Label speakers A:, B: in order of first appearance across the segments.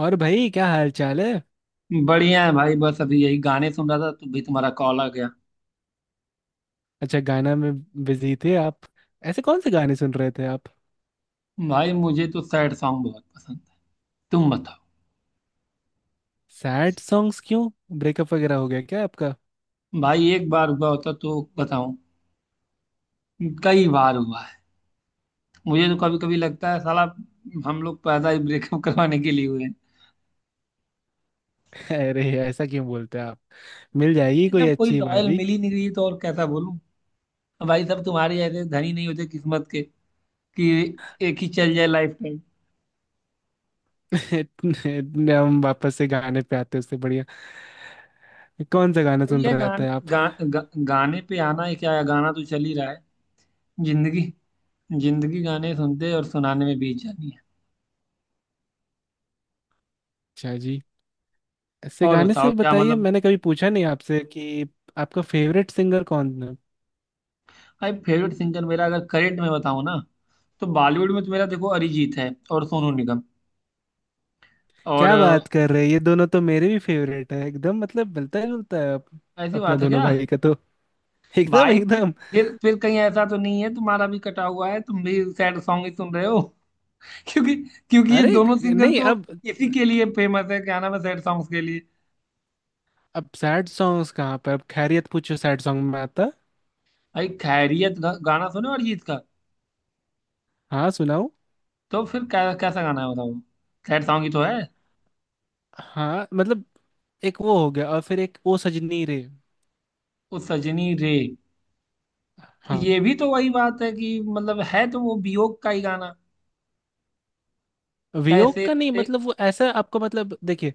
A: और भाई क्या हाल चाल है।
B: बढ़िया है भाई। बस अभी यही गाने सुन रहा था तो भी तुम्हारा कॉल आ गया।
A: अच्छा, गाना में बिजी थे आप? ऐसे कौन से गाने सुन रहे थे आप?
B: भाई मुझे तो सैड सॉन्ग बहुत पसंद है। तुम बताओ।
A: सैड सॉन्ग्स क्यों? ब्रेकअप वगैरह हो गया क्या आपका?
B: भाई एक बार हुआ होता तो बताऊं। कई बार हुआ है। मुझे तो कभी कभी लगता है साला हम लोग पैदा ही ब्रेकअप करवाने के लिए हुए हैं।
A: अरे ऐसा क्यों बोलते हैं आप। मिल जाएगी
B: अरे
A: कोई
B: जब कोई
A: अच्छी
B: लॉयल
A: वाली।
B: मिल ही नहीं रही तो और कैसा बोलूं। भाई सब तुम्हारे ऐसे धनी नहीं होते किस्मत के कि एक ही चल जाए लाइफ टाइम।
A: इतने हम वापस से गाने पे आते हैं उससे बढ़िया। कौन सा गाना सुन
B: ये
A: रहे
B: गान,
A: थे आप?
B: गा, गा, गाने पे आना है क्या है? गाना तो चल ही रहा है। जिंदगी। जिंदगी गाने सुनते और सुनाने में बीत जानी है।
A: अच्छा जी। ऐसे
B: और
A: गाने
B: बताओ
A: से
B: क्या
A: बताइए
B: मतलब।
A: मैंने कभी पूछा नहीं आपसे कि आपका फेवरेट सिंगर कौन है।
B: भाई फेवरेट सिंगर मेरा अगर करेंट में बताऊं ना तो बॉलीवुड में तो मेरा देखो अरिजीत है और सोनू निगम। और
A: क्या
B: अ,
A: बात कर रहे हैं, ये दोनों तो मेरे भी फेवरेट है, एकदम मतलब मिलता जुलता है
B: ऐसी
A: अपना
B: बात है
A: दोनों
B: क्या।
A: भाई का तो। एकदम
B: भाई फिर
A: एकदम।
B: फिर फिर कहीं ऐसा तो नहीं है तुम्हारा भी कटा हुआ है तुम भी सैड सॉन्ग ही सुन रहे हो। क्योंकि क्योंकि ये
A: अरे
B: दोनों सिंगर
A: नहीं,
B: तो
A: अब
B: इसी के लिए फेमस है। क्या नाम है सैड सॉन्ग्स के लिए।
A: अब सैड सॉन्ग्स कहाँ, पर अब खैरियत पूछो सैड सॉन्ग में आता।
B: भाई खैरियत गाना सुने अरिजीत का।
A: हाँ सुनाओ।
B: तो फिर कैसा गाना है बताओ। सैड सॉन्ग ही तो है।
A: हाँ मतलब एक वो हो गया और फिर एक ओ सजनी रे।
B: उस सजनी रे। तो
A: हाँ।
B: ये भी तो वही बात है कि मतलब है तो वो वियोग का ही गाना।
A: वियोग
B: कैसे
A: का नहीं,
B: कटे।
A: मतलब वो ऐसा आपको मतलब देखिए,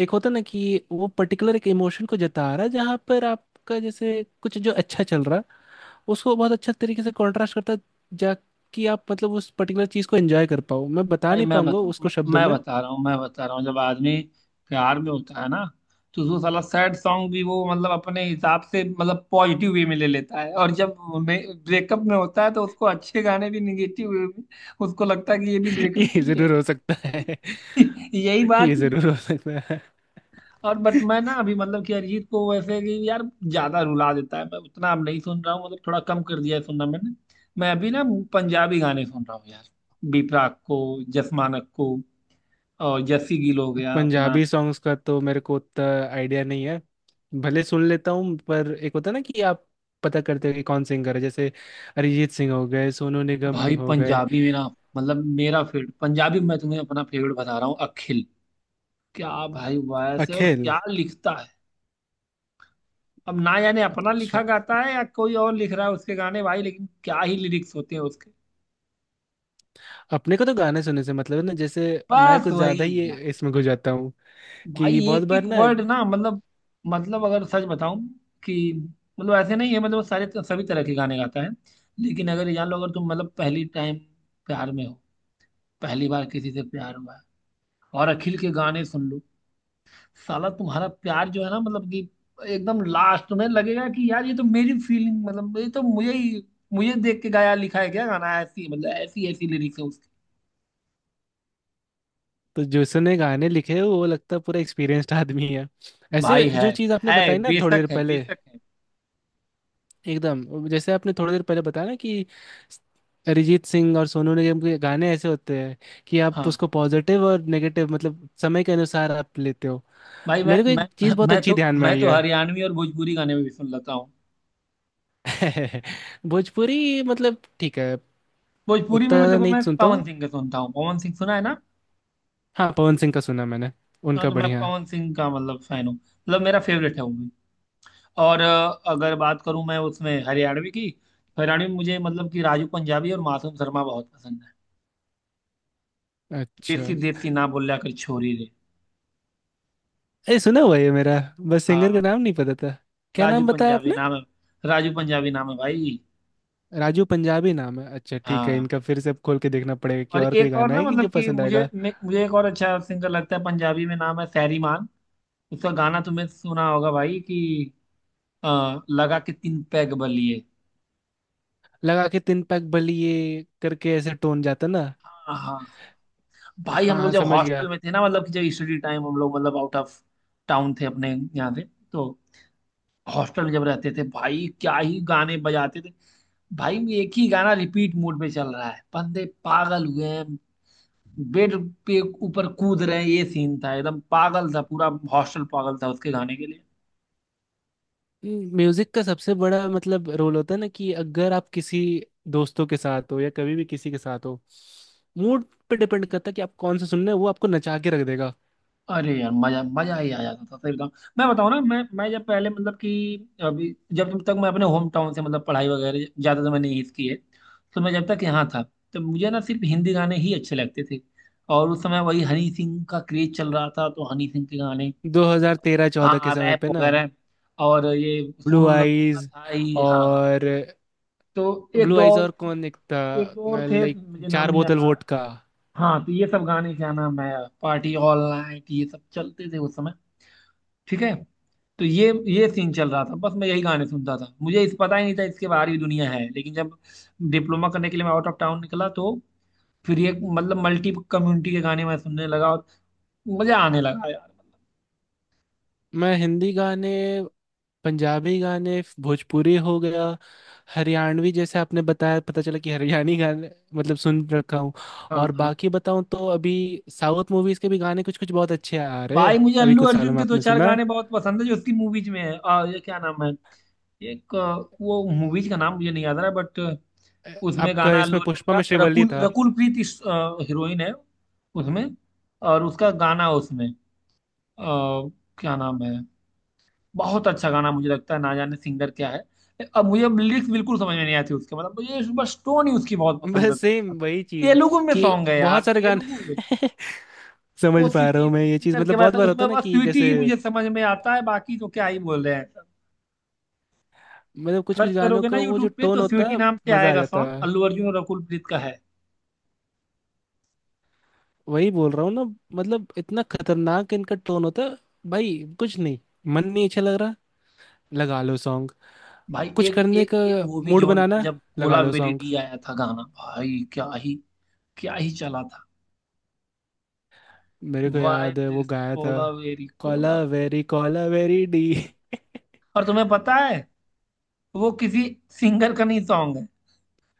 A: एक होता ना कि वो पर्टिकुलर एक इमोशन को जता रहा है जहाँ पर आपका जैसे कुछ जो अच्छा चल रहा है उसको बहुत अच्छा तरीके से कॉन्ट्रास्ट करता है, जा कि आप मतलब उस पर्टिकुलर चीज़ को एंजॉय कर पाओ। मैं बता
B: भाई
A: नहीं
B: मैं
A: पाऊंगा
B: बताऊँ
A: उसको
B: मैं,
A: शब्दों
B: मैं
A: में।
B: बता रहा हूँ मैं बता रहा हूँ जब आदमी प्यार में होता है ना। तो उसको साला सैड सॉन्ग भी वो मतलब अपने हिसाब से मतलब पॉजिटिव वे में ले लेता है और जब ब्रेकअप में होता है तो उसको अच्छे गाने भी निगेटिव वे में उसको लगता है कि ये भी ब्रेकअप के
A: ये
B: लिए
A: जरूर हो सकता है।
B: है। यही
A: ये
B: बात है।
A: जरूर हो सकता है।
B: और बट मैं ना अभी मतलब कि अरिजीत को वैसे कि यार ज्यादा रुला देता है मैं उतना अब नहीं सुन रहा हूँ मतलब थोड़ा कम कर दिया है सुनना मैंने। मैं अभी ना पंजाबी गाने सुन रहा हूँ यार। बी प्राक को, जस मानक को, और जस्सी गिल हो गया अपना।
A: पंजाबी सॉन्ग्स का तो मेरे को उतना आइडिया नहीं है, भले सुन लेता हूँ, पर एक होता है ना कि आप पता करते हो कि कौन सिंगर है जैसे अरिजीत सिंह हो गए, सोनू निगम
B: भाई
A: हो गए।
B: पंजाबी में ना मतलब मेरा फेवरेट पंजाबी में मैं तुम्हें अपना फेवरेट बता रहा हूँ अखिल। क्या भाई वॉयस है और
A: अखिल।
B: क्या लिखता है। अब ना जाने अपना लिखा
A: अच्छा।
B: गाता है या कोई और लिख रहा है उसके गाने भाई, लेकिन क्या ही लिरिक्स होते हैं उसके।
A: अपने को तो गाने सुनने से मतलब है ना, जैसे मैं
B: बस
A: कुछ
B: वही
A: ज्यादा ही
B: यार।
A: इसमें घुस जाता हूँ कि
B: भाई
A: बहुत
B: एक एक
A: बार ना।
B: वर्ड ना मतलब। मतलब अगर सच बताऊं कि मतलब ऐसे नहीं है, मतलब वो सारे सभी तरह के गाने गाता है। लेकिन अगर ये जान लो अगर तुम मतलब पहली टाइम प्यार में हो, पहली बार किसी से प्यार हुआ है और अखिल के गाने सुन लो, साला तुम्हारा प्यार जो है ना मतलब कि एकदम लास्ट तुम्हें लगेगा कि यार ये तो मेरी फीलिंग, मतलब ये तो मुझे ही मुझे देख के गाया लिखा है, क्या गाना, ऐसी मतलब ऐसी ऐसी लिरिक्स है उसकी।
A: तो जिसने गाने लिखे हैं, वो लगता है पूरा एक्सपीरियंस्ड आदमी है। ऐसे
B: भाई है
A: जो चीज़ आपने
B: है
A: बताई ना थोड़ी
B: बेशक
A: देर
B: है,
A: पहले।
B: बेशक है।
A: एकदम जैसे आपने थोड़ी देर पहले बताया ना कि अरिजीत सिंह और सोनू निगम के गाने ऐसे होते हैं कि आप
B: हाँ
A: उसको पॉजिटिव और नेगेटिव मतलब समय के अनुसार आप लेते हो।
B: भाई मैं
A: मेरे को
B: मैं
A: एक चीज़ बहुत
B: मैं
A: अच्छी
B: तो
A: ध्यान में
B: मैं
A: आई
B: तो हरियाणवी और भोजपुरी गाने में भी सुन लेता हूँ।
A: है। भोजपुरी मतलब ठीक है,
B: भोजपुरी
A: उतना
B: में मैं,
A: ज़्यादा
B: देखो,
A: नहीं
B: मैं
A: सुनता
B: पवन
A: हूँ।
B: सिंह के सुनता हूँ। पवन सिंह सुना है ना।
A: हाँ, पवन सिंह का सुना मैंने,
B: हाँ
A: उनका
B: तो मैं
A: बढ़िया है।
B: पवन सिंह का मतलब फैन हूँ, मतलब मेरा फेवरेट है वो। और अगर बात करूं मैं उसमें हरियाणवी की तो हरियाणवी में मुझे मतलब कि राजू पंजाबी और मासूम शर्मा बहुत पसंद है।
A: अच्छा।
B: देसी देसी ना बोलिया कर छोरी रे।
A: अरे सुना हुआ है मेरा, बस सिंगर
B: हाँ।
A: का नाम नहीं पता था। क्या
B: राजू
A: नाम बताया
B: पंजाबी
A: आपने?
B: नाम है। राजू पंजाबी नाम है भाई।
A: राजू पंजाबी नाम है, अच्छा ठीक है,
B: हाँ।
A: इनका फिर से अब खोल के देखना पड़ेगा कि
B: और
A: और कोई
B: एक और
A: गाना
B: ना
A: है कि
B: मतलब
A: जो
B: कि
A: पसंद
B: मुझे
A: आएगा।
B: मुझे एक और अच्छा सिंगर लगता है पंजाबी में, नाम है सैरी मान। उसका गाना तुमने सुना होगा भाई कि अ, लगा के 3 पैग बलिए।
A: लगा के तिन पैक बली, ये करके ऐसे टोन जाता ना।
B: हाँ हाँ हाँ।
A: हाँ
B: भाई हम लोग
A: हाँ,
B: जब
A: समझ गया।
B: हॉस्टल में थे ना मतलब कि जब स्टडी टाइम हम लोग मतलब आउट ऑफ टाउन थे अपने यहाँ से तो हॉस्टल में जब रहते थे भाई क्या ही गाने बजाते थे। भाई एक ही गाना रिपीट मोड पे चल रहा है, बंदे पागल हुए हैं, बेड पे ऊपर कूद रहे हैं, ये सीन था। एकदम पागल था पूरा। हॉस्टल पागल था उसके गाने के लिए।
A: म्यूजिक का सबसे बड़ा मतलब रोल होता है ना कि अगर आप किसी दोस्तों के साथ हो, या कभी भी किसी के साथ हो, मूड पे डिपेंड करता है कि आप कौन सा सुन रहे हो, वो आपको नचा के रख देगा।
B: अरे यार मजा मजा ही आ जाता था, सही बताऊं। मैं बताऊं ना मैं जब पहले मतलब कि अभी जब जब तक मैं अपने होम टाउन से मतलब पढ़ाई वगैरह ज्यादा तो मैंने यहीं की है। तो मैं जब तक यहाँ था तो मुझे ना सिर्फ हिंदी गाने ही अच्छे लगते थे, और उस समय वही हनी सिंह का क्रेज चल रहा था तो हनी सिंह के गाने।
A: 2013-14 के
B: हाँ
A: समय
B: रैप
A: पे ना।
B: वगैरह। और ये
A: ब्लू
B: सोनू निगम तो अपना
A: आईज
B: था ही। हाँ, हाँ।
A: और
B: तो एक
A: ब्लू
B: दो
A: आईज
B: और
A: और कौन एक था?
B: एक दो और थे,
A: लाइक
B: मुझे नाम
A: चार
B: नहीं याद
A: बोतल
B: आ रहा।
A: वोट का।
B: हाँ तो ये सब गाने क्या नाम है, पार्टी ऑल नाइट, ये सब चलते थे उस समय। ठीक है। तो ये सीन चल रहा था, बस मैं यही गाने सुनता था, मुझे इस पता ही नहीं था इसके बाहर भी दुनिया है। लेकिन जब डिप्लोमा करने के लिए मैं आउट ऑफ टाउन निकला तो फिर ये मतलब मल्टी कम्युनिटी के गाने मैं सुनने लगा और मजा आने लगा यार।
A: मैं हिंदी गाने, पंजाबी गाने, भोजपुरी हो गया, हरियाणवी जैसे आपने बताया, पता चला कि हरियाणी गाने मतलब सुन रखा हूँ।
B: हाँ,
A: और
B: हाँ।
A: बाकी बताऊँ तो अभी साउथ मूवीज के भी गाने कुछ कुछ बहुत अच्छे आ रहे हैं
B: भाई मुझे
A: अभी
B: अल्लू
A: कुछ सालों
B: अर्जुन
A: में,
B: के दो
A: आपने
B: चार
A: सुना?
B: गाने बहुत पसंद है जो उसकी मूवीज में है। ये क्या नाम है। वो मूवीज का नाम मुझे नहीं याद आ रहा, बट
A: अ,
B: उसमें
A: आपका
B: गाना अल्लू
A: इसमें
B: अर्जुन
A: पुष्पा
B: का,
A: में श्रीवल्ली
B: रकुल
A: था।
B: रकुल प्रीत इस हीरोइन है उसमें। और उसका गाना उसमें अ, क्या नाम है। बहुत अच्छा गाना मुझे लगता है, ना जाने सिंगर क्या है। अब मुझे लिरिक्स बिल्कुल समझ में नहीं आती उसके, मतलब मुझे बस टोन ही उसकी बहुत पसंद है।
A: बस सेम वही चीज,
B: तेलुगु में
A: कि
B: सॉन्ग है यार,
A: बहुत सारे
B: तेलुगु।
A: गाने।
B: वो
A: समझ पा रहा
B: सिटी
A: हूँ मैं, ये
B: सिटी
A: चीज
B: करके,
A: मतलब
B: बस
A: बहुत बार होता
B: उसमें
A: है ना
B: बस
A: कि
B: स्वीटी
A: जैसे
B: ही मुझे समझ में आता है, बाकी तो क्या ही बोल रहे हैं।
A: मतलब कुछ कुछ
B: सर्च
A: गानों
B: करोगे ना
A: का वो जो
B: यूट्यूब पे
A: टोन
B: तो
A: होता
B: स्वीटी
A: है,
B: नाम से
A: मजा आ
B: आएगा
A: जाता
B: सॉन्ग,
A: है।
B: अल्लू अर्जुन और अकुल प्रीत का है।
A: वही बोल रहा हूँ ना, मतलब इतना खतरनाक इनका टोन होता है। भाई कुछ नहीं मन नहीं अच्छा लग रहा, लगा लो सॉन्ग।
B: भाई
A: कुछ
B: एक
A: करने
B: एक
A: का
B: एक वो भी
A: मूड
B: जोन था
A: बनाना,
B: जब
A: लगा
B: कोला
A: लो
B: वेरी
A: सॉन्ग।
B: डी आया था गाना, भाई क्या ही। क्या ही चला था।
A: मेरे को
B: वाई
A: याद है वो
B: दिस
A: गाया था।
B: कोला वेरी कोला वेरी कोला
A: कॉला
B: वेरी
A: वेरी डी।
B: डी। और तुम्हें पता है वो किसी सिंगर का नहीं सॉन्ग है,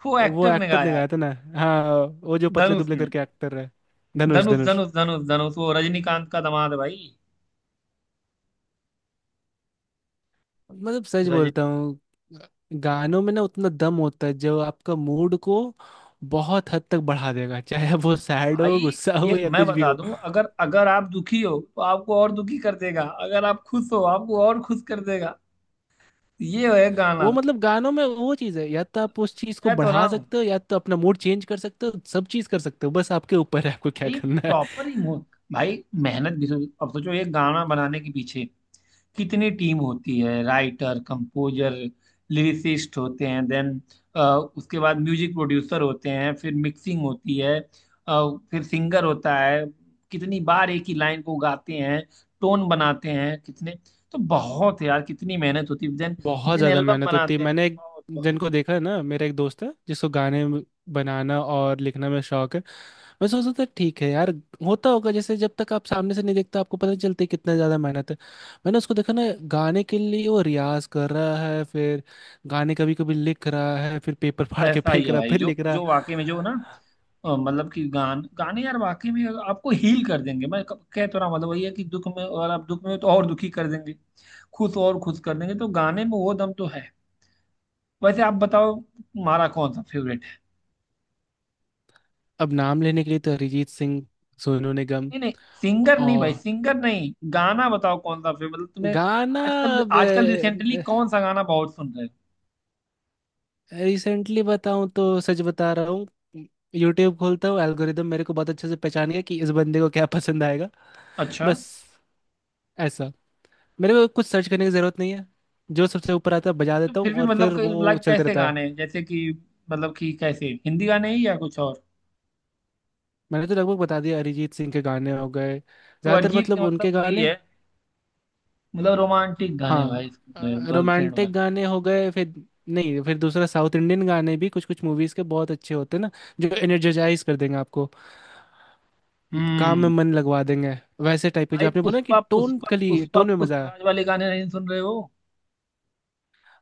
B: वो
A: वो
B: एक्टर ने
A: एक्टर ने
B: गाया है।
A: गाया था ना। हाँ, वो जो पतले
B: धनुष
A: दुबले
B: ने।
A: करके एक्टर है, धनुष
B: धनुष,
A: धनुष
B: धनुष, धनुष, धनुष, वो रजनीकांत का दामाद है भाई।
A: मतलब सच बोलता हूँ गानों में ना उतना दम होता है जो आपका मूड को बहुत हद तक बढ़ा देगा, चाहे वो सैड हो,
B: भाई
A: गुस्सा हो
B: ये
A: या
B: मैं
A: कुछ भी
B: बता
A: हो।
B: दूं, अगर अगर आप दुखी हो तो आपको और दुखी कर देगा, अगर आप खुश हो आपको और खुश कर देगा। ये है गाना।
A: वो मतलब गानों में वो चीज़ है, या तो आप उस चीज़ को
B: मैं तो ना
A: बढ़ा
B: हूं
A: सकते हो, या तो अपना मूड चेंज कर सकते हो, सब चीज़ कर सकते हो, बस आपके ऊपर है आपको क्या
B: भाई,
A: करना है।
B: प्रॉपर इमोशन भाई, मेहनत भी तो। अब सोचो ये गाना बनाने के पीछे कितनी टीम होती है, राइटर, कंपोजर, लिरिसिस्ट होते हैं, देन उसके बाद म्यूजिक प्रोड्यूसर होते हैं, फिर मिक्सिंग होती है। फिर सिंगर होता है। कितनी बार एक ही लाइन को गाते हैं, टोन बनाते हैं कितने, तो बहुत है यार, कितनी मेहनत होती है देन।
A: बहुत
B: देन
A: ज़्यादा
B: एल्बम
A: मेहनत होती है।
B: बनाते हैं,
A: मैंने एक
B: बहुत बहुत।
A: जिनको देखा है ना, मेरा एक दोस्त है जिसको गाने बनाना और लिखना में शौक है। मैं सोचता था ठीक है यार, होता होगा, जैसे जब तक आप सामने से नहीं देखते आपको पता नहीं चलती कितना ज़्यादा मेहनत है। मैंने उसको देखा ना, गाने के लिए वो रियाज कर रहा है, फिर गाने कभी कभी लिख रहा है, फिर पेपर फाड़ के
B: ऐसा ही
A: फेंक
B: है
A: रहा है,
B: भाई,
A: फिर
B: जो
A: लिख रहा है।
B: जो वाकई में जो ना मतलब कि गाने यार वाकई में आपको हील कर देंगे। मैं कह तो रहा हूं, मतलब वही है कि दुख में, और आप दुख में हो तो और दुखी कर देंगे। खुश हो और खुश कर देंगे, तो गाने में वो दम तो है। वैसे आप बताओ तुम्हारा कौन सा फेवरेट है।
A: अब नाम लेने के लिए तो अरिजीत सिंह, सोनू निगम।
B: नहीं, नहीं, सिंगर नहीं
A: और
B: भाई, सिंगर नहीं गाना बताओ कौन सा फेवरेट मतलब तुम्हें।
A: गाना?
B: आजकल,
A: अब
B: आजकल, रिसेंटली कौन सा गाना बहुत सुन रहे हो।
A: रिसेंटली बताऊं तो सच बता रहा हूँ, यूट्यूब खोलता हूँ, एल्गोरिदम मेरे को बहुत अच्छे से पहचानेगा कि इस बंदे को क्या पसंद आएगा,
B: अच्छा।
A: बस। ऐसा मेरे को कुछ सर्च करने की ज़रूरत नहीं है, जो सबसे ऊपर आता है बजा
B: तो
A: देता हूँ
B: फिर भी
A: और फिर
B: मतलब
A: वो
B: लाइक
A: चलते
B: कैसे
A: रहता है।
B: गाने हैं? जैसे कि मतलब कि कैसे हिंदी गाने ही या कुछ और।
A: मैंने तो लगभग बता दिया अरिजीत सिंह के गाने हो गए
B: तो
A: ज़्यादातर
B: अरिजीत के
A: मतलब उनके
B: मतलब वही
A: गाने।
B: है, मतलब रोमांटिक गाने भाई,
A: हाँ,
B: गर्लफ्रेंड वाले।
A: रोमांटिक गाने हो गए फिर। नहीं, फिर दूसरा साउथ इंडियन गाने भी कुछ कुछ मूवीज के बहुत अच्छे होते हैं ना, जो एनर्जेटाइज कर देंगे आपको, काम में
B: हम्म।
A: मन लगवा देंगे। वैसे टाइप के जो
B: भाई
A: आपने बोला कि
B: पुष्पा
A: टोन
B: पुष्पा
A: कली
B: पुष्पा,
A: टोन में मजा
B: पुष्पराज
A: है,
B: वाले गाने नहीं सुन रहे हो।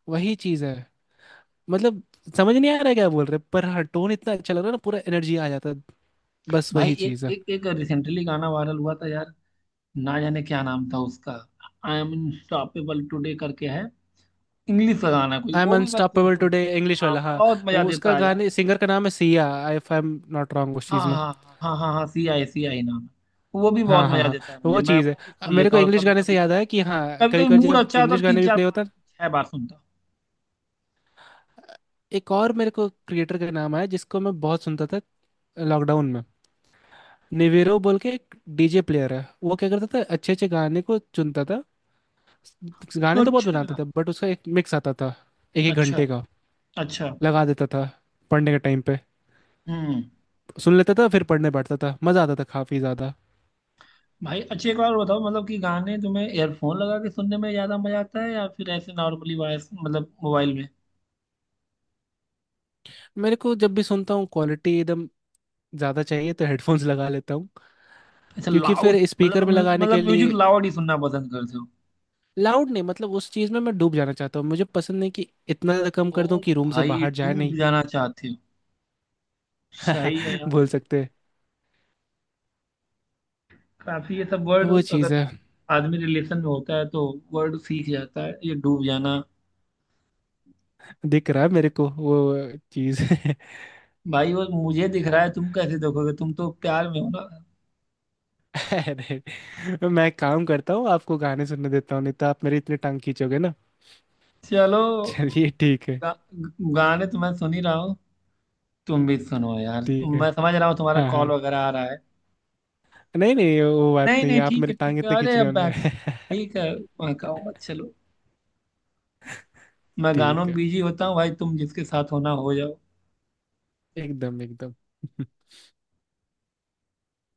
A: वही चीज है। मतलब समझ नहीं आ रहा है क्या बोल रहे, पर हाँ टोन इतना अच्छा लग रहा है ना, पूरा एनर्जी आ जाता है। बस
B: भाई
A: वही
B: एक
A: चीज है।
B: एक एक रिसेंटली गाना वायरल हुआ था यार, ना जाने क्या नाम था उसका। आई एम अनस्टॉपेबल टुडे करके है, इंग्लिश का गाना कोई,
A: आई एम
B: वो भी मैं खूब
A: अनस्टॉपेबल
B: सुन।
A: टुडे इंग्लिश
B: हाँ
A: वाला, हाँ।
B: बहुत मजा
A: वो उसका
B: देता है यार।
A: गाने सिंगर का नाम है Sia, if I am not wrong उस
B: हाँ,
A: चीज में।
B: हाँ, हाँ, हाँ, हाँ, सी आई नाम है। वो भी बहुत
A: हाँ हाँ
B: मजा
A: हाँ,
B: देता है मुझे,
A: वो
B: मैं
A: चीज़ है।
B: वो भी सुन
A: मेरे
B: लेता
A: को
B: हूँ
A: इंग्लिश
B: कभी
A: गाने
B: कभी।
A: से याद आया कि हाँ
B: कभी
A: कभी
B: कभी
A: कभी
B: मूड
A: जब
B: अच्छा होता है,
A: इंग्लिश
B: तीन
A: गाने भी
B: चार
A: प्ले
B: पाँच
A: होता है।
B: छह बार सुनता
A: अ, एक और मेरे को क्रिएटर का नाम आया जिसको मैं बहुत सुनता था लॉकडाउन में, निवेरो बोल के एक डीजे प्लेयर है, वो क्या करता था अच्छे अच्छे गाने को चुनता था। गाने
B: हूँ।
A: तो बहुत बनाते
B: अच्छा।
A: थे बट उसका एक मिक्स आता था, एक एक
B: अच्छा।
A: घंटे का,
B: अच्छा।
A: लगा देता था पढ़ने के टाइम पे,
B: हम्म।
A: सुन लेता था फिर पढ़ने बैठता था, मज़ा आता था काफ़ी ज़्यादा।
B: भाई अच्छी एक बार बताओ, मतलब कि गाने तुम्हें एयरफोन लगा के सुनने में ज्यादा मजा आता है या फिर ऐसे नॉर्मली वॉइस मतलब मोबाइल में।
A: मेरे को जब भी सुनता हूँ क्वालिटी एकदम ज़्यादा चाहिए तो हेडफोन्स लगा लेता हूँ,
B: ऐसे
A: क्योंकि
B: लाउड,
A: फिर
B: मतलब
A: स्पीकर में लगाने के
B: मतलब म्यूजिक
A: लिए।
B: लाउड ही सुनना पसंद करते हो।
A: लाउड नहीं, मतलब उस चीज में मैं डूब जाना चाहता हूँ, मुझे पसंद नहीं कि इतना ज्यादा कम
B: ओ
A: कर दूं कि रूम से
B: भाई
A: बाहर जाए
B: डूब
A: नहीं।
B: जाना चाहते हो। सही है यार।
A: बोल सकते हैं,
B: काफी ये सब वर्ड
A: वो
B: अगर
A: चीज है।
B: आदमी रिलेशन में होता है तो वर्ड सीख जाता है, ये डूब जाना।
A: दिख रहा है मेरे को वो चीज।
B: भाई वो मुझे दिख रहा है, तुम कैसे देखोगे, तुम तो प्यार में हो ना।
A: अरे मैं काम करता हूँ, आपको गाने सुनने देता हूँ, नहीं तो आप मेरी इतनी टांग खींचोगे ना।
B: चलो।
A: चलिए ठीक है।
B: गा, गाने तो मैं सुन ही रहा हूँ। तुम भी सुनो यार,
A: ठीक
B: तुम,
A: है,
B: मैं समझ रहा हूँ तुम्हारा
A: हाँ
B: कॉल
A: हाँ,
B: वगैरह आ रहा है।
A: नहीं नहीं, वो बात
B: नहीं
A: नहीं,
B: नहीं,
A: आप
B: ठीक
A: मेरी
B: है
A: टांग
B: ठीक है,
A: इतने
B: अरे
A: खींचने
B: अब
A: वाले
B: बैक,
A: नहीं।
B: ठीक है। मैं कहूँगा चलो। मैं गानों
A: ठीक
B: में
A: है।
B: बिजी होता हूँ भाई, तुम जिसके साथ होना हो जाओ।
A: एकदम एकदम।